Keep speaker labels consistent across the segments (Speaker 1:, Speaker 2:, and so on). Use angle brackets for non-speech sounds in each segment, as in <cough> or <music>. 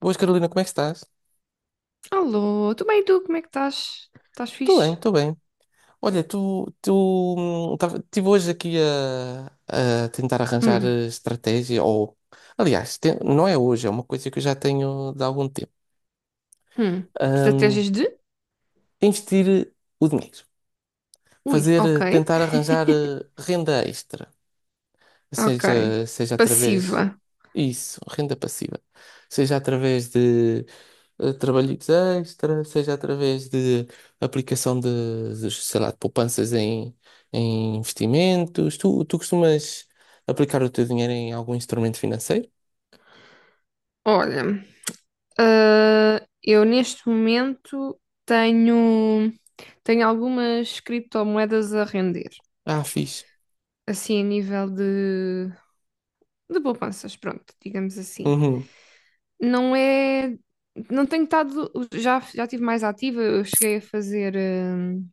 Speaker 1: Boas, Carolina, como é que estás?
Speaker 2: Alô, tudo bem tu? Como é que estás? Estás
Speaker 1: Estou bem,
Speaker 2: fixe?
Speaker 1: estou bem. Olha, estive hoje aqui a tentar arranjar
Speaker 2: Hum,
Speaker 1: estratégia, ou aliás, não é hoje, é uma coisa que eu já tenho de algum tempo.
Speaker 2: hum.
Speaker 1: Hum,
Speaker 2: Estratégias de?
Speaker 1: Investir o dinheiro,
Speaker 2: Ui,
Speaker 1: fazer,
Speaker 2: ok.
Speaker 1: tentar arranjar renda extra.
Speaker 2: Ok.
Speaker 1: Seja seja, através
Speaker 2: Passiva.
Speaker 1: isso, renda passiva, seja através de trabalhos extra, seja através de aplicação de, sei lá, de poupanças em, em investimentos. Tu costumas aplicar o teu dinheiro em algum instrumento financeiro?
Speaker 2: Olha, ah, eu neste momento tenho, tenho algumas criptomoedas a render.
Speaker 1: Ah, fixe.
Speaker 2: Assim, a nível de poupanças, pronto, digamos assim.
Speaker 1: Uhum,
Speaker 2: Não é. Não tenho estado. Já estive mais ativa, eu cheguei a fazer, hum,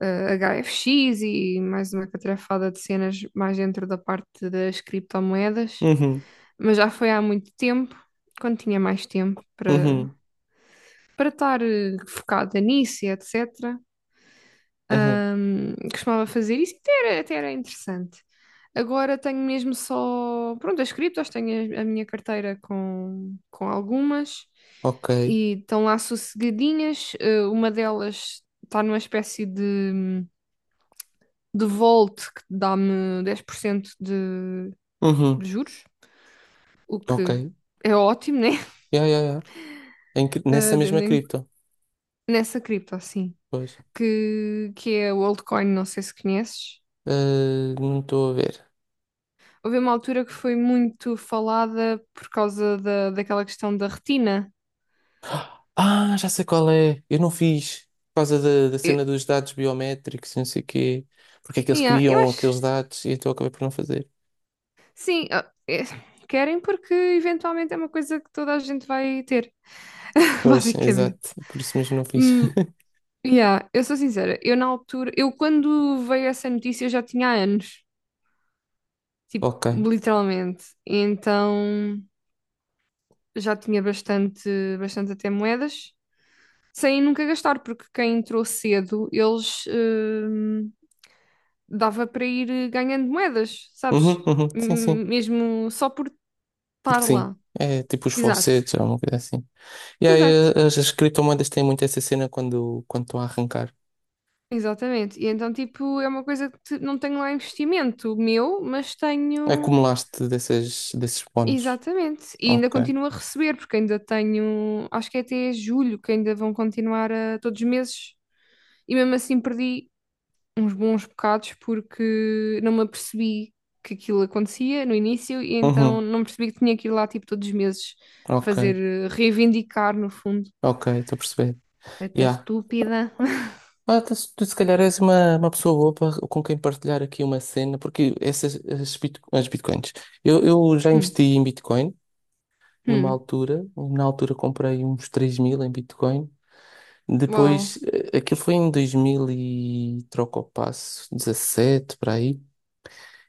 Speaker 2: eh, HFX e mais uma catrefada de cenas mais dentro da parte das criptomoedas,
Speaker 1: uhum,
Speaker 2: mas já foi há muito tempo, quando tinha mais tempo para
Speaker 1: uhum,
Speaker 2: estar focada nisso e etc.
Speaker 1: uhum.
Speaker 2: Costumava fazer isso e até era interessante. Agora tenho mesmo só, pronto, as criptos, tenho a minha carteira com algumas
Speaker 1: Ok.
Speaker 2: e estão lá sossegadinhas. Uma delas está numa espécie de Volt, que dá-me 10% de
Speaker 1: Uhum.
Speaker 2: juros, o
Speaker 1: Ok.
Speaker 2: que é ótimo, né? <laughs>
Speaker 1: Yeah, yeah, yeah. Nessa
Speaker 2: Ah,
Speaker 1: mesma cripto,
Speaker 2: nessa cripto, assim,
Speaker 1: pois.
Speaker 2: que é o altcoin, não sei se conheces.
Speaker 1: Eh, não estou a ver.
Speaker 2: Houve uma altura que foi muito falada por causa daquela questão da retina.
Speaker 1: Ah, já sei qual é. Eu não fiz Por causa da
Speaker 2: Eu,
Speaker 1: cena dos dados biométricos, e não sei o quê. Porque é que eles
Speaker 2: yeah, eu
Speaker 1: criam
Speaker 2: acho,
Speaker 1: aqueles dados e então eu acabei por não fazer.
Speaker 2: sim, ah, é, querem porque eventualmente é uma coisa que toda a gente vai ter, <laughs>
Speaker 1: Pois, exato.
Speaker 2: basicamente.
Speaker 1: Por isso mesmo não fiz.
Speaker 2: Hum.
Speaker 1: <laughs>
Speaker 2: Yeah, eu sou sincera, eu na altura, eu quando veio essa notícia eu já tinha há anos, tipo,
Speaker 1: Ok.
Speaker 2: literalmente. Então já tinha bastante, bastante até moedas, sem nunca gastar, porque quem entrou cedo, eles dava para ir ganhando moedas, sabes?
Speaker 1: Uhum. Sim, sim.
Speaker 2: Mesmo só por
Speaker 1: Porque
Speaker 2: estar
Speaker 1: sim.
Speaker 2: lá.
Speaker 1: É tipo os
Speaker 2: Exato,
Speaker 1: falsetes ou uma coisa assim. E aí
Speaker 2: exato,
Speaker 1: as criptomoedas têm muito essa cena quando estão a arrancar.
Speaker 2: exatamente. E então, tipo, é uma coisa não tenho lá investimento meu, mas tenho.
Speaker 1: Acumulaste dessas, desses bónus.
Speaker 2: Exatamente. E ainda
Speaker 1: Ok.
Speaker 2: continuo a receber, porque ainda tenho, acho que é até julho que ainda vão continuar todos os meses. E mesmo assim perdi uns bons bocados porque não me apercebi que aquilo acontecia no início e então
Speaker 1: Uhum.
Speaker 2: não percebi que tinha que ir lá tipo todos os meses
Speaker 1: Ok.
Speaker 2: fazer, reivindicar no fundo.
Speaker 1: Ok, estou a perceber.
Speaker 2: Eita
Speaker 1: Yeah.
Speaker 2: estúpida. <laughs>
Speaker 1: Ah, tu se calhar és uma pessoa boa para, com quem partilhar aqui uma cena, porque essas as bitcoins. Eu já
Speaker 2: Hum,
Speaker 1: investi em Bitcoin numa
Speaker 2: hum,
Speaker 1: altura, na altura comprei uns 3 mil em Bitcoin.
Speaker 2: uau.
Speaker 1: Depois, aquilo foi em 2000 e troca o passo, 17 para aí.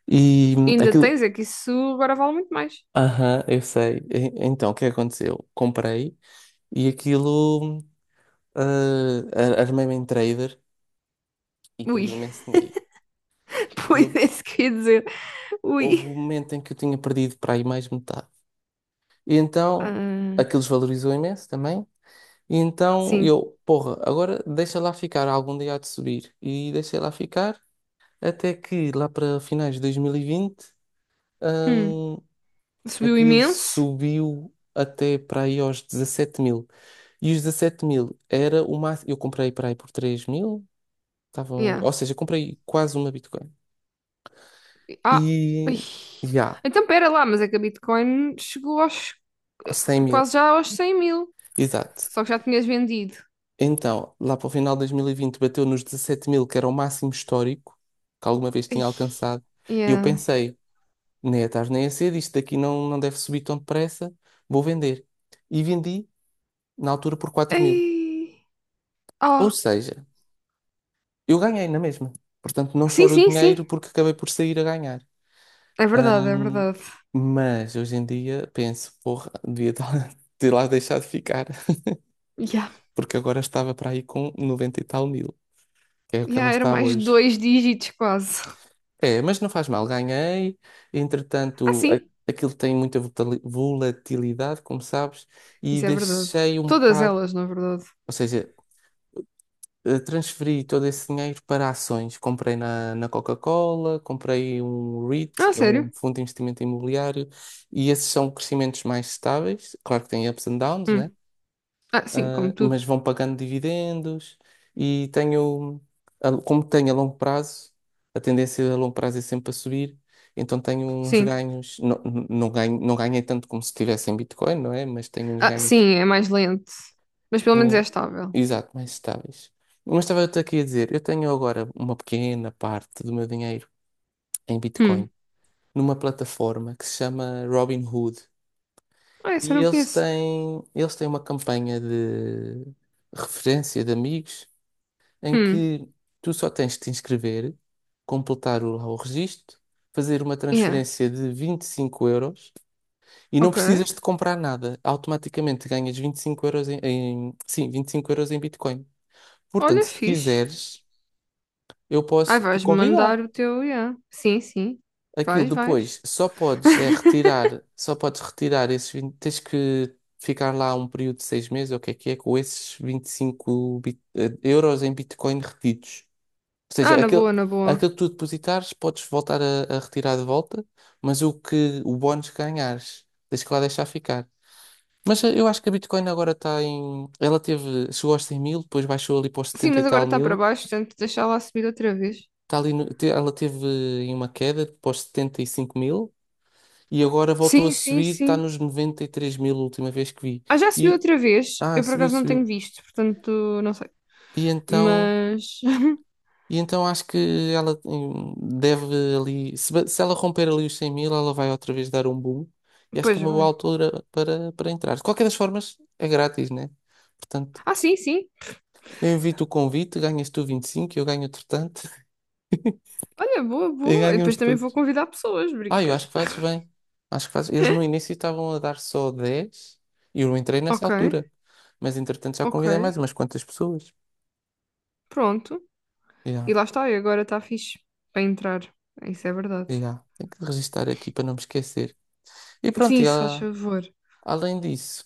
Speaker 1: E
Speaker 2: Ainda
Speaker 1: aquilo.
Speaker 2: tens, é que isso agora vale muito mais.
Speaker 1: Aham, eu sei. Então, o que é que aconteceu? Comprei e armei-me em trader e
Speaker 2: Ui,
Speaker 1: perdi imenso dinheiro.
Speaker 2: <laughs>
Speaker 1: E
Speaker 2: pois
Speaker 1: eu,
Speaker 2: é isso que eu ia dizer.
Speaker 1: Houve
Speaker 2: Ui.
Speaker 1: um momento em que eu tinha perdido para aí mais metade. E então,
Speaker 2: Ah,
Speaker 1: aquilo desvalorizou imenso também. E então
Speaker 2: sim.
Speaker 1: eu, porra, agora deixa lá ficar, algum dia há de subir. E deixei lá ficar até que lá para finais de 2020,
Speaker 2: Hum.
Speaker 1: hum,
Speaker 2: Subiu
Speaker 1: aquilo
Speaker 2: imenso.
Speaker 1: subiu até para aí aos 17 mil. E os 17 mil era o máximo. Eu comprei para aí por 3 mil,
Speaker 2: Yeah.
Speaker 1: ou seja, comprei quase uma Bitcoin.
Speaker 2: Ah,
Speaker 1: E
Speaker 2: ui.
Speaker 1: já,
Speaker 2: Então pera lá, mas é que a Bitcoin chegou
Speaker 1: Aos
Speaker 2: eh,
Speaker 1: 100 mil,
Speaker 2: quase já aos 100 mil.
Speaker 1: exato.
Speaker 2: Só que já tinhas vendido.
Speaker 1: Então, lá para o final de 2020 bateu nos 17 mil, que era o máximo histórico que alguma vez
Speaker 2: Ai,
Speaker 1: tinha alcançado. E eu
Speaker 2: yeah.
Speaker 1: pensei, nem é tarde nem é cedo, isto daqui não deve subir tão depressa, vou vender. E vendi, na altura, por 4 mil.
Speaker 2: Ai,
Speaker 1: Ou
Speaker 2: oh.
Speaker 1: seja, eu ganhei na mesma. Portanto, não
Speaker 2: Sim,
Speaker 1: choro o
Speaker 2: sim,
Speaker 1: dinheiro
Speaker 2: sim.
Speaker 1: porque acabei por sair a ganhar.
Speaker 2: É verdade, é
Speaker 1: Ahm,
Speaker 2: verdade.
Speaker 1: mas hoje em dia penso, porra, <laughs> ter lá deixado ficar,
Speaker 2: Yeah.
Speaker 1: porque agora estava para aí com 90 e tal mil, que é o que ela
Speaker 2: Yeah, eram
Speaker 1: está
Speaker 2: mais
Speaker 1: hoje.
Speaker 2: dois dígitos quase.
Speaker 1: É, mas não faz mal, ganhei.
Speaker 2: Ah,
Speaker 1: Entretanto, a-
Speaker 2: sim.
Speaker 1: Aquilo tem muita volatilidade, como sabes, e
Speaker 2: Isso é verdade.
Speaker 1: deixei um
Speaker 2: Todas
Speaker 1: bocado,
Speaker 2: elas, na verdade.
Speaker 1: ou seja, transferi todo esse dinheiro para ações. Comprei na Coca-Cola, comprei um REIT,
Speaker 2: Ah,
Speaker 1: que é um
Speaker 2: sério?
Speaker 1: fundo de investimento imobiliário, e esses são crescimentos mais estáveis. Claro que tem ups and downs, né?
Speaker 2: Hum. Ah, sim, como
Speaker 1: Ah,
Speaker 2: tudo.
Speaker 1: mas vão pagando dividendos e como tenho a longo prazo, a tendência a longo prazo é sempre a subir, então tenho uns
Speaker 2: Sim.
Speaker 1: ganhos, não, não não ganhei tanto como se tivesse em Bitcoin, não é? Mas tenho uns
Speaker 2: Ah,
Speaker 1: ganhos,
Speaker 2: sim, é mais lento. Mas pelo menos é
Speaker 1: tenho-
Speaker 2: estável.
Speaker 1: exato, mais estáveis. Mas estava-te aqui a dizer, eu tenho agora uma pequena parte do meu dinheiro em Bitcoin,
Speaker 2: Hum.
Speaker 1: numa plataforma que se chama Robinhood.
Speaker 2: Ah, isso
Speaker 1: E
Speaker 2: eu não
Speaker 1: eles
Speaker 2: conheço.
Speaker 1: têm, eles têm uma campanha de referência de amigos em
Speaker 2: Hum,
Speaker 1: que tu só tens de te inscrever, completar lá o registro, fazer uma
Speaker 2: yeah,
Speaker 1: transferência de 25 euros e não
Speaker 2: ok.
Speaker 1: precisas de comprar nada. Automaticamente ganhas 25 euros sim, 25 euros em Bitcoin. Portanto,
Speaker 2: Olha,
Speaker 1: se
Speaker 2: fixe.
Speaker 1: quiseres, eu
Speaker 2: Ai,
Speaker 1: posso te
Speaker 2: vais-me mandar
Speaker 1: convidar.
Speaker 2: o teu, yeah. Sim, sim.
Speaker 1: Aquilo
Speaker 2: Vais, vais.
Speaker 1: depois só podes retirar esses 20, tens que ficar lá um período de seis meses, ou o que é, com esses 25 euros em Bitcoin retidos. Ou
Speaker 2: Ah,
Speaker 1: seja,
Speaker 2: na boa, na boa.
Speaker 1: aquele que tu depositares, podes voltar a retirar de volta, mas o que o bónus que ganhares, tens que lá deixar ficar. Mas eu acho que a Bitcoin agora está em. Ela teve. Chegou aos 100 mil, depois baixou ali para os
Speaker 2: Sim,
Speaker 1: 70 e
Speaker 2: mas agora
Speaker 1: tal
Speaker 2: está para
Speaker 1: mil.
Speaker 2: baixo, portanto, deixar lá subir outra vez.
Speaker 1: Está ali no- te- Ela teve em uma queda para os 75 mil e agora voltou a
Speaker 2: Sim, sim,
Speaker 1: subir, está
Speaker 2: sim.
Speaker 1: nos 93 mil, a última vez que vi.
Speaker 2: Ah, já subiu
Speaker 1: E,
Speaker 2: outra vez. Eu por
Speaker 1: Subiu,
Speaker 2: acaso não tenho
Speaker 1: subiu.
Speaker 2: visto, portanto, não sei.
Speaker 1: E então.
Speaker 2: Mas. <laughs>
Speaker 1: E então acho que ela deve ali. Se ela romper ali os 100 mil, ela vai outra vez dar um boom. E acho que é
Speaker 2: Pois
Speaker 1: uma boa
Speaker 2: vai.
Speaker 1: altura para entrar. De qualquer das formas, é grátis, né? Portanto,
Speaker 2: Ah, sim, sim.
Speaker 1: eu invito o convite, ganhas tu 25, eu ganho outro tanto, <laughs>
Speaker 2: Olha, boa,
Speaker 1: e
Speaker 2: boa. E
Speaker 1: ganhamos
Speaker 2: depois também vou
Speaker 1: todos.
Speaker 2: convidar pessoas,
Speaker 1: Ah, eu
Speaker 2: brincas.
Speaker 1: acho que fazes bem. Acho que fazes. Eles no início estavam a dar só 10 e eu não entrei nessa
Speaker 2: Ok,
Speaker 1: altura. Mas entretanto já convidei
Speaker 2: ok.
Speaker 1: mais umas quantas pessoas.
Speaker 2: Pronto. E
Speaker 1: Já,
Speaker 2: lá está, e agora está fixe para entrar. Isso é verdade.
Speaker 1: já. Tenho que registar aqui para não me esquecer. E pronto,
Speaker 2: Sim, se faz favor.
Speaker 1: além disso.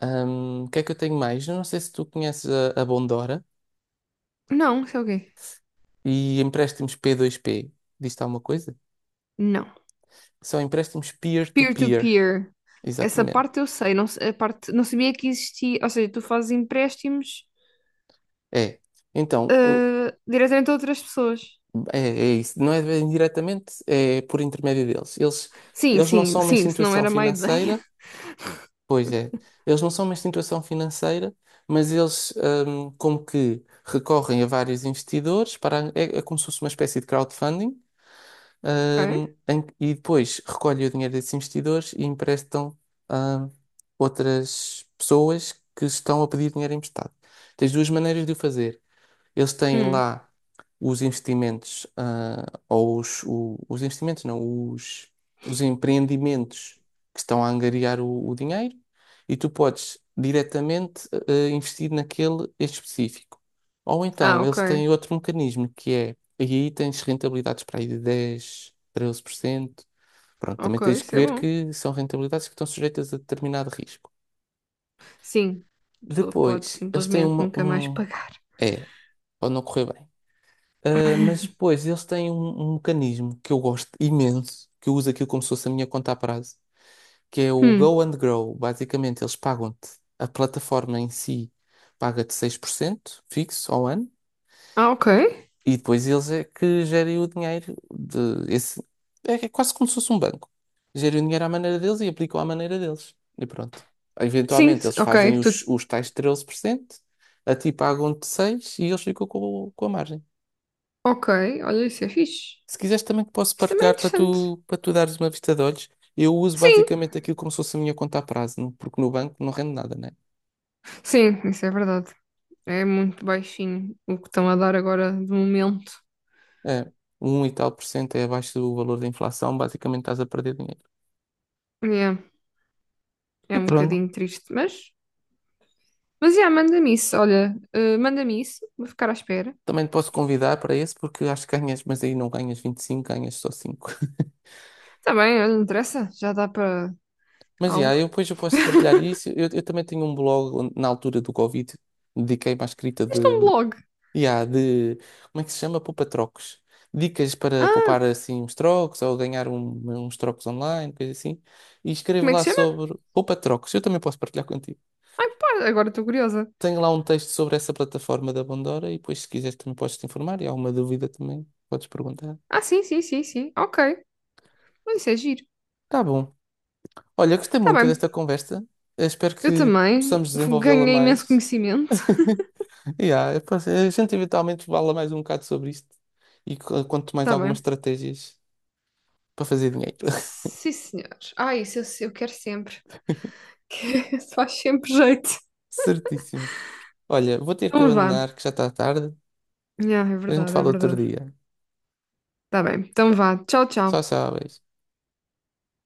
Speaker 1: O que é que eu tenho mais? Eu não sei se tu conheces a Bondora
Speaker 2: Não, isso é o quê?
Speaker 1: e empréstimos P2P. Diz-te alguma coisa?
Speaker 2: Não.
Speaker 1: São empréstimos peer-to-peer.
Speaker 2: Peer-to-peer. Essa
Speaker 1: Exatamente.
Speaker 2: parte eu sei, não, a parte, não sabia que existia. Ou seja, tu fazes empréstimos
Speaker 1: É. Então, o-
Speaker 2: diretamente a outras pessoas.
Speaker 1: É, é isso. Não é bem diretamente, é por intermédio deles.
Speaker 2: Sim,
Speaker 1: Eles não
Speaker 2: sim,
Speaker 1: são uma
Speaker 2: sim, se não
Speaker 1: instituição
Speaker 2: era má ideia.
Speaker 1: financeira,
Speaker 2: <laughs>
Speaker 1: pois é. Eles não são uma instituição financeira, mas eles, como que recorrem a vários investidores para, é é como se fosse uma espécie de crowdfunding
Speaker 2: Ok.
Speaker 1: e depois recolhem o dinheiro desses investidores e emprestam a outras pessoas que estão a pedir dinheiro emprestado. Tens duas maneiras de o fazer. Eles têm
Speaker 2: Hum.
Speaker 1: lá os investimentos, ah, ou os investimentos, não, os empreendimentos que estão a angariar o dinheiro e tu podes diretamente investir naquele específico. Ou
Speaker 2: Ah,
Speaker 1: então eles têm
Speaker 2: ok.
Speaker 1: outro mecanismo que é, e aí tens rentabilidades para aí de 10 13%. Pronto, também
Speaker 2: Ok,
Speaker 1: tens que
Speaker 2: isso é
Speaker 1: ver
Speaker 2: bom.
Speaker 1: que são rentabilidades que estão sujeitas a determinado risco.
Speaker 2: Sim, a pessoa pode
Speaker 1: Depois, eles têm
Speaker 2: simplesmente
Speaker 1: uma,
Speaker 2: nunca mais
Speaker 1: um.
Speaker 2: pagar.
Speaker 1: É, pode não correr bem. Ah, mas pois, eles têm um mecanismo que eu gosto imenso, que eu uso aquilo como se fosse a minha conta a prazo, que é o
Speaker 2: Hum.
Speaker 1: Go and Grow. Basicamente, a plataforma em si paga-te 6% fixo ao ano,
Speaker 2: Ah, ok.
Speaker 1: e depois eles é que gerem o dinheiro de esse. É, é quase como se fosse um banco. Gerem o dinheiro à maneira deles e aplicam à maneira deles. E pronto.
Speaker 2: Sim,
Speaker 1: Eventualmente, eles
Speaker 2: ok.
Speaker 1: fazem
Speaker 2: Tu.
Speaker 1: os tais 13% a ti pagam-te 6% e eles ficam com a margem.
Speaker 2: Ok, olha, isso é fixe.
Speaker 1: Se quiseres também que posso
Speaker 2: Isso também é
Speaker 1: partilhar para
Speaker 2: interessante.
Speaker 1: para tu dares uma vista de olhos. Eu uso
Speaker 2: Sim,
Speaker 1: basicamente aquilo como se fosse a minha conta a prazo, porque no banco não rende nada, né?
Speaker 2: sim, isso é verdade. É muito baixinho o que estão a dar agora de momento.
Speaker 1: É, um e tal por cento é abaixo do valor da inflação, basicamente estás a perder dinheiro.
Speaker 2: Yeah, é
Speaker 1: E
Speaker 2: um
Speaker 1: pronto,
Speaker 2: bocadinho triste, mas. Mas já, manda-me isso, olha, manda-me isso, vou ficar à espera.
Speaker 1: também te posso convidar para esse, porque acho que ganhas, mas aí não ganhas 25 ganhas só 5. <laughs>
Speaker 2: Tá bem, olha, não interessa, já dá para
Speaker 1: Mas já,
Speaker 2: algo.
Speaker 1: eu depois eu posso partilhar isso. Eu também tenho um blog onde, na altura do Covid, dediquei-me à escrita
Speaker 2: Este é um
Speaker 1: de
Speaker 2: blog.
Speaker 1: E há de. Como é que se chama? Poupa-trocos. Dicas para poupar
Speaker 2: Ah,
Speaker 1: assim uns trocos ou ganhar uns trocos online, coisa assim. E escrevo
Speaker 2: como é que
Speaker 1: lá
Speaker 2: se chama?
Speaker 1: sobre poupa-trocos. Eu também posso partilhar contigo.
Speaker 2: Ai, pá, agora estou curiosa.
Speaker 1: Tenho lá um texto sobre essa plataforma da Bondora e depois, se quiseres, também podes te informar. E há alguma dúvida também, podes perguntar.
Speaker 2: Ah, sim, sim, sim, sim, ok. Mas isso é giro.
Speaker 1: Tá bom. Olha, gostei
Speaker 2: Está
Speaker 1: muito
Speaker 2: bem,
Speaker 1: desta conversa. Eu espero
Speaker 2: eu
Speaker 1: que
Speaker 2: também
Speaker 1: possamos desenvolvê-la
Speaker 2: ganhei imenso
Speaker 1: mais.
Speaker 2: conhecimento.
Speaker 1: <laughs> Yeah, a gente eventualmente fala mais um bocado sobre isto e conto mais
Speaker 2: tá
Speaker 1: algumas
Speaker 2: bem.
Speaker 1: estratégias para fazer dinheiro.
Speaker 2: Sim, senhores. Ah, isso eu quero sempre. <laughs> Que isso faz sempre jeito.
Speaker 1: Certíssimo. Olha, vou ter que
Speaker 2: Então vá.
Speaker 1: abandonar, que já está tarde.
Speaker 2: Yeah, é
Speaker 1: A gente
Speaker 2: verdade, é
Speaker 1: fala outro
Speaker 2: verdade.
Speaker 1: dia.
Speaker 2: Tá bem, então vá. Tchau,
Speaker 1: Tchau,
Speaker 2: tchau.
Speaker 1: tchau, beijo.